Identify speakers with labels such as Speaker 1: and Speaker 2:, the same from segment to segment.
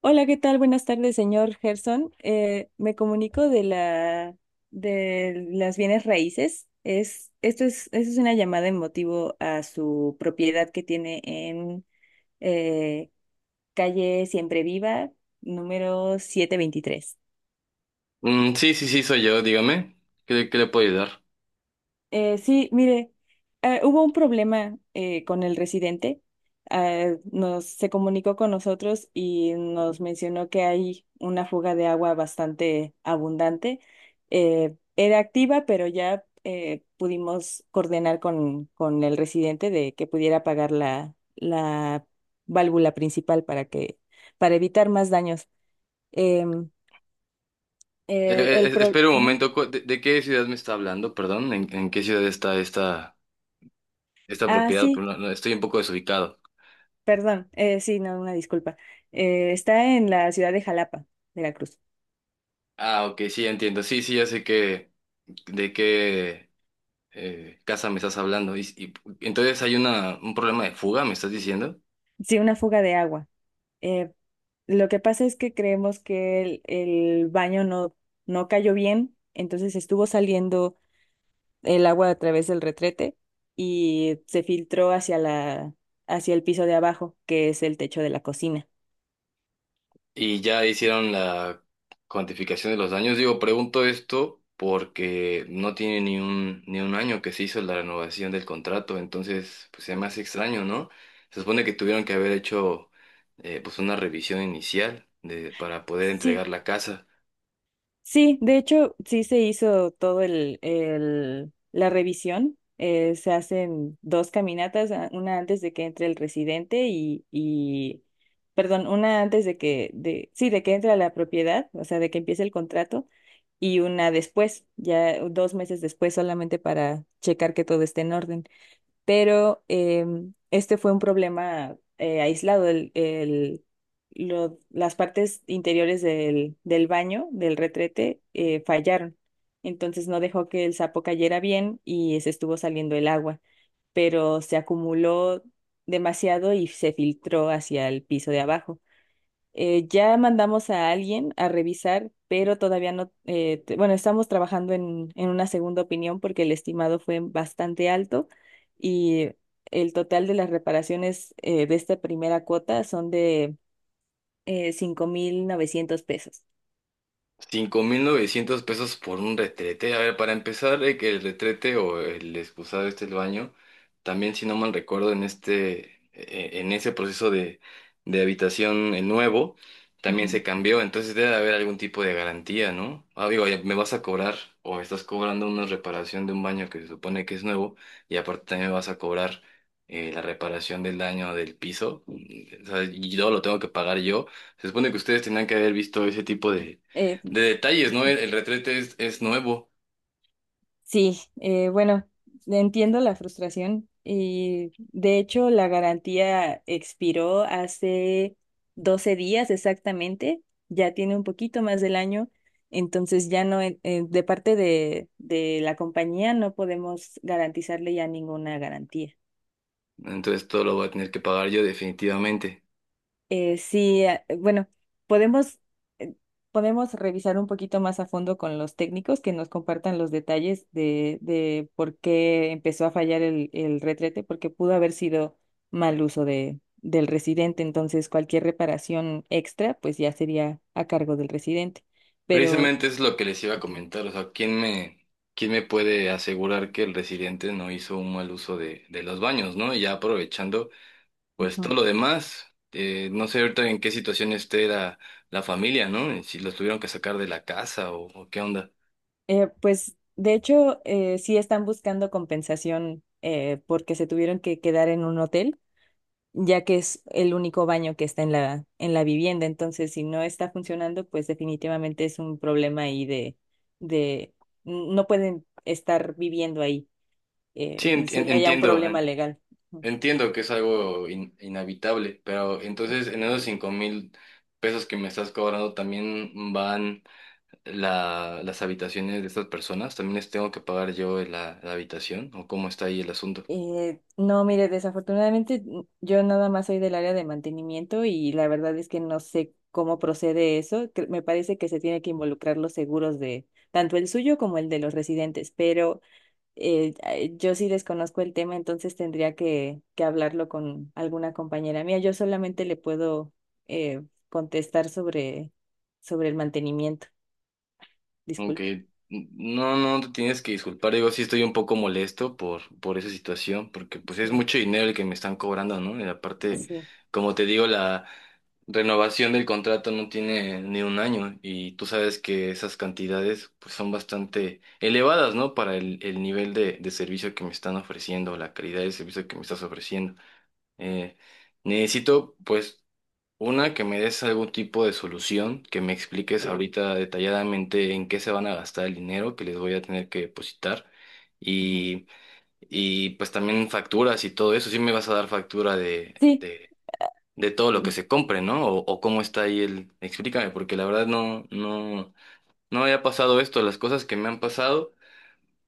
Speaker 1: Hola, ¿qué tal? Buenas tardes, señor Gerson. Me comunico de la de las bienes raíces. Esto es una llamada en motivo a su propiedad que tiene en eh, calle Siempre Viva, número 723.
Speaker 2: Mm, sí, sí, sí, soy yo, dígame. ¿Qué le puedo ayudar?
Speaker 1: Sí, mire, hubo un problema con el residente. Ah, nos se comunicó con nosotros y nos mencionó que hay una fuga de agua bastante abundante. Era activa, pero ya pudimos coordinar con el residente de que pudiera apagar la válvula principal para evitar más daños. Em,
Speaker 2: Eh, espera un
Speaker 1: Ujú.
Speaker 2: momento, ¿De qué ciudad me está hablando? Perdón, ¿en qué ciudad está esta
Speaker 1: Ah,
Speaker 2: propiedad? Pero
Speaker 1: sí.
Speaker 2: no, estoy un poco desubicado.
Speaker 1: Perdón, sí, no, una disculpa. Está en la ciudad de Jalapa, Veracruz.
Speaker 2: Ah, ok, sí, entiendo. Sí, sí, ya sé que, de qué casa me estás hablando. Y entonces hay un problema de fuga, ¿me estás diciendo?
Speaker 1: Sí, una fuga de agua. Eh, lo que pasa es que creemos que el baño no cayó bien, entonces estuvo saliendo el agua a través del retrete y se filtró hacia hacia el piso de abajo, que es el techo de la cocina.
Speaker 2: Y ya hicieron la cuantificación de los daños. Digo, pregunto esto porque no tiene ni un año que se hizo la renovación del contrato, entonces pues se me hace extraño, ¿no? Se supone que tuvieron que haber hecho pues una revisión inicial de, para poder
Speaker 1: Sí,
Speaker 2: entregar la casa.
Speaker 1: Sí, de hecho, sí se hizo todo la revisión. Se hacen 2 caminatas, una antes de que entre el residente perdón, una antes de de que entre a la propiedad, o sea, de que empiece el contrato, y una después, ya 2 meses después, solamente para checar que todo esté en orden, pero este fue un problema aislado. Las partes interiores del baño, del retrete, fallaron. Entonces no dejó que el sapo cayera bien y se estuvo saliendo el agua, pero se acumuló demasiado y se filtró hacia el piso de abajo. Ya mandamos a alguien a revisar, pero todavía no, bueno, estamos trabajando en una segunda opinión porque el estimado fue bastante alto y el total de las reparaciones de esta primera cuota son de $5,900.
Speaker 2: 5,900 pesos por un retrete. A ver, para empezar, que el retrete o el excusado este el baño, también si no mal recuerdo, en ese proceso de habitación nuevo, también
Speaker 1: Ajá.
Speaker 2: se cambió. Entonces debe de haber algún tipo de garantía, ¿no? Ah, digo, ya me vas a cobrar o me estás cobrando una reparación de un baño que se supone que es nuevo y aparte también me vas a cobrar la reparación del daño del piso. O sea, y yo lo tengo que pagar yo. Se supone que ustedes tenían que haber visto ese tipo de detalles, ¿no? El retrete es nuevo,
Speaker 1: Sí, bueno, entiendo la frustración y de hecho la garantía expiró hace 12 días exactamente, ya tiene un poquito más del año, entonces ya no, de parte de la compañía no podemos garantizarle ya ninguna garantía.
Speaker 2: entonces todo lo voy a tener que pagar yo definitivamente.
Speaker 1: Sí, ah, bueno, podemos, eh, podemos revisar un poquito más a fondo con los técnicos que nos compartan los detalles de por qué empezó a fallar el retrete, porque pudo haber sido mal uso del residente, entonces cualquier reparación extra pues ya sería a cargo del residente. Pero,
Speaker 2: Precisamente es lo que les iba a
Speaker 1: Ujú,
Speaker 2: comentar, o sea, ¿quién me puede asegurar que el residente no hizo un mal uso de los baños, ¿no? Y ya aprovechando, pues todo
Speaker 1: ujú.
Speaker 2: lo demás, no sé ahorita en qué situación esté la familia, ¿no? Si los tuvieron que sacar de la casa o qué onda.
Speaker 1: Pues de hecho, sí están buscando compensación porque se tuvieron que quedar en un hotel, ya que es el único baño que está en en la vivienda. Entonces, si no está funcionando, pues definitivamente es un problema ahí de no pueden estar viviendo ahí.
Speaker 2: Sí,
Speaker 1: Y sería ya un
Speaker 2: entiendo.
Speaker 1: problema legal. Ujú.
Speaker 2: Entiendo que es algo inhabitable, pero entonces en esos 5,000 pesos que me estás cobrando también van las habitaciones de estas personas, también les tengo que pagar yo la habitación o cómo está ahí el asunto.
Speaker 1: No, mire, desafortunadamente yo nada más soy del área de mantenimiento y la verdad es que no sé cómo procede eso. Me parece que se tiene que involucrar los seguros de tanto el suyo como el de los residentes, pero yo sí desconozco el tema, entonces tendría que hablarlo con alguna compañera mía. Yo solamente le puedo eh, contestar sobre el mantenimiento. Disculpe.
Speaker 2: Aunque no, no te tienes que disculpar, digo, sí estoy un poco molesto por esa situación, porque pues es
Speaker 1: Sí,
Speaker 2: mucho dinero el que me están cobrando, ¿no? Y aparte,
Speaker 1: sí.
Speaker 2: como te digo, renovación del contrato no tiene ni un año y tú sabes que esas cantidades pues son bastante elevadas, ¿no? Para el nivel de servicio que me están ofreciendo, la calidad de servicio que me estás ofreciendo. Eh, Necesito pues una que me des algún tipo de solución, que me expliques ahorita detalladamente en qué se van a gastar el dinero que les voy a tener que depositar.
Speaker 1: Ujú.
Speaker 2: Y, y pues también facturas y todo eso. Sí me vas a dar factura
Speaker 1: Sí.
Speaker 2: de de todo lo que se compre, ¿no? O cómo está ahí el... Explícame, porque la verdad no había pasado esto. Las cosas que me han pasado,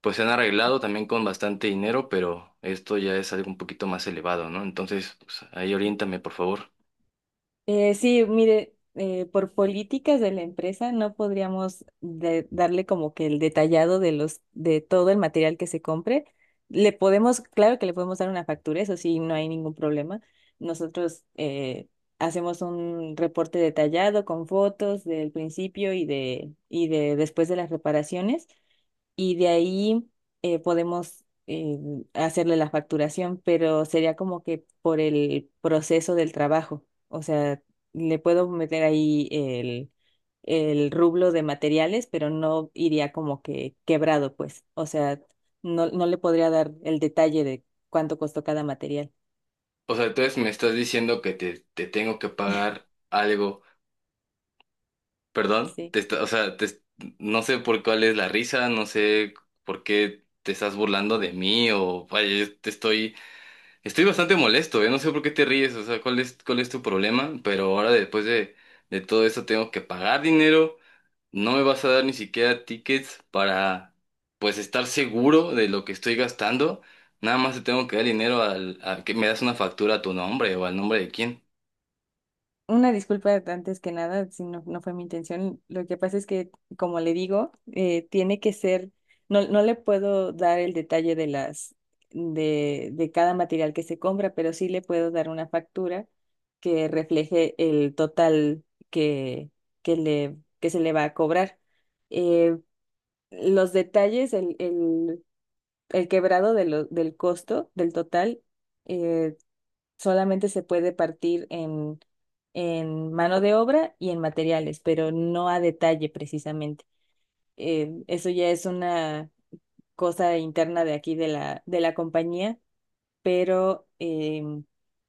Speaker 2: pues se han arreglado también con bastante dinero, pero esto ya es algo un poquito más elevado, ¿no? Entonces, pues, ahí oriéntame, por favor.
Speaker 1: Sí, mire, por políticas de la empresa no podríamos darle como que el detallado de todo el material que se compre. Le podemos, claro que le podemos dar una factura, eso sí, no hay ningún problema. Nosotros hacemos un reporte detallado con fotos del principio y de después de las reparaciones, y de ahí podemos hacerle la facturación, pero sería como que por el proceso del trabajo. O sea, le puedo meter ahí el rublo de materiales, pero no iría como que quebrado, pues. O sea, no le podría dar el detalle de cuánto costó cada material.
Speaker 2: O sea, entonces me estás diciendo que te tengo que pagar algo, perdón, te
Speaker 1: Sí.
Speaker 2: está- o sea, te- no sé por cuál es la risa, no sé por qué te estás burlando de mí o vaya, yo te estoy. Estoy bastante molesto, no sé por qué te ríes, o sea, cuál es tu problema, pero ahora después de todo eso tengo que pagar dinero, no me vas a dar ni siquiera tickets para, pues, estar seguro de lo que estoy gastando, nada más te tengo que dar dinero a que me das una factura a tu nombre o al nombre de quién.
Speaker 1: Una disculpa antes que nada, si no, no fue mi intención. Lo que pasa es que, como le digo, tiene que ser, no, no le puedo dar el detalle de de cada material que se compra, pero sí le puedo dar una factura que refleje el total que, que que se le va a cobrar. Eh, los detalles, el quebrado de del costo, del total. eh, Solamente se puede partir en mano de obra y en materiales, pero no a detalle precisamente. Eso ya es una cosa interna de aquí de de la compañía, pero,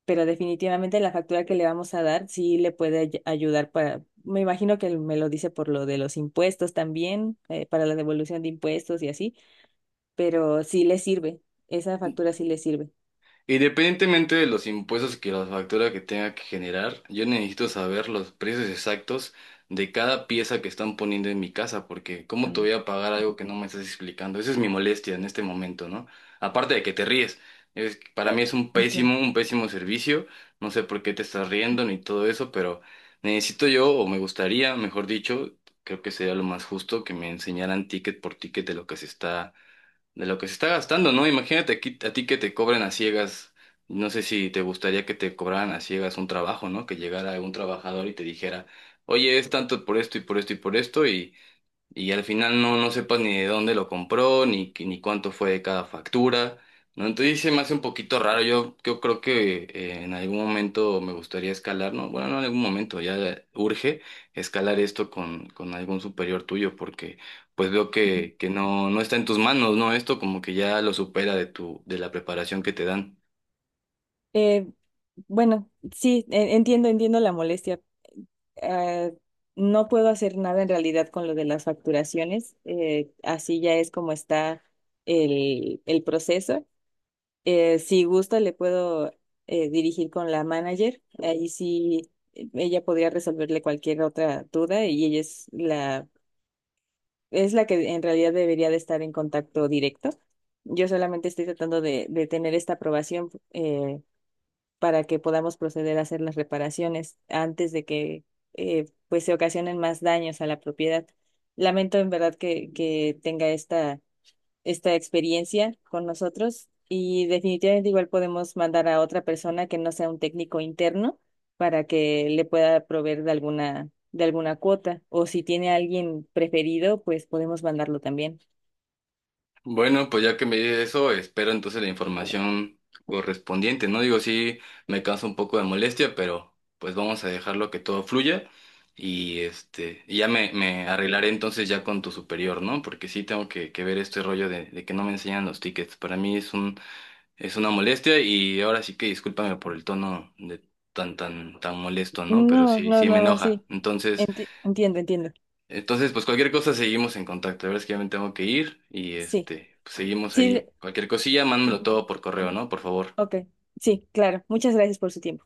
Speaker 1: pero definitivamente la factura que le vamos a dar sí le puede ayudar para, me imagino que me lo dice por lo de los impuestos también, para la devolución de impuestos y así, pero sí le sirve, esa factura sí le sirve.
Speaker 2: Independientemente de los impuestos que la factura que tenga que generar, yo necesito saber los precios exactos de cada pieza que están poniendo en mi casa, porque ¿cómo te
Speaker 1: Ah,
Speaker 2: voy a pagar algo que no me estás explicando? Esa es mi molestia en este momento, ¿no? Aparte de que te ríes, para mí
Speaker 1: eh,
Speaker 2: es
Speaker 1: entiendo.
Speaker 2: un pésimo servicio, no sé por qué te estás riendo ni todo eso, pero necesito yo, o me gustaría, mejor dicho, creo que sería lo más justo que me enseñaran ticket por ticket de lo que se está gastando, ¿no? Imagínate aquí, a ti que te cobren a ciegas. No sé si te gustaría que te cobraran a ciegas un trabajo, ¿no? Que llegara un trabajador y te dijera, oye, es tanto por esto y por esto y por esto y al final no sepas ni de dónde lo compró, ni cuánto fue de cada factura, ¿no? Entonces sí se me hace un poquito raro, yo creo que en algún momento me gustaría escalar, ¿no? Bueno, no en algún momento, ya urge escalar esto con algún superior tuyo, porque pues veo que no está en tus manos, ¿no? Esto como que ya lo supera de tu, de la preparación que te dan.
Speaker 1: Eh, bueno, sí, entiendo, entiendo la molestia. Eh, no puedo hacer nada en realidad con lo de las facturaciones. Así ya es como está el proceso. Si gusta, le puedo dirigir con la manager. Ahí sí, ella podría resolverle cualquier otra duda y ella es es la que en realidad debería de estar en contacto directo. Yo solamente estoy tratando de tener esta aprobación. Para que podamos proceder a hacer las reparaciones antes de que pues se ocasionen más daños a la propiedad. Lamento en verdad que tenga esta experiencia con nosotros, y definitivamente igual podemos mandar a otra persona que no sea un técnico interno para que le pueda proveer de alguna cuota, o si tiene alguien preferido, pues podemos mandarlo también.
Speaker 2: Bueno, pues ya que me dices eso, espero entonces la información correspondiente, ¿no? Digo, sí, me causa un poco de molestia, pero pues vamos a dejarlo que todo fluya y este, y ya me arreglaré entonces ya con tu superior, ¿no? Porque sí tengo que ver este rollo de que no me enseñan los tickets. Para mí es una molestia y ahora sí que discúlpame por el tono de tan, tan, tan molesto, ¿no? Pero
Speaker 1: No,
Speaker 2: sí,
Speaker 1: no,
Speaker 2: sí me
Speaker 1: no, no,
Speaker 2: enoja.
Speaker 1: sí.
Speaker 2: Entonces...
Speaker 1: Entiendo, entiendo.
Speaker 2: Entonces, pues cualquier cosa seguimos en contacto. La verdad es que ya me tengo que ir y
Speaker 1: Sí,
Speaker 2: este, pues seguimos
Speaker 1: sí,
Speaker 2: ahí. Cualquier cosilla, mándamelo todo por correo, ¿no? Por favor.
Speaker 1: ok, sí, claro. Muchas gracias por su tiempo.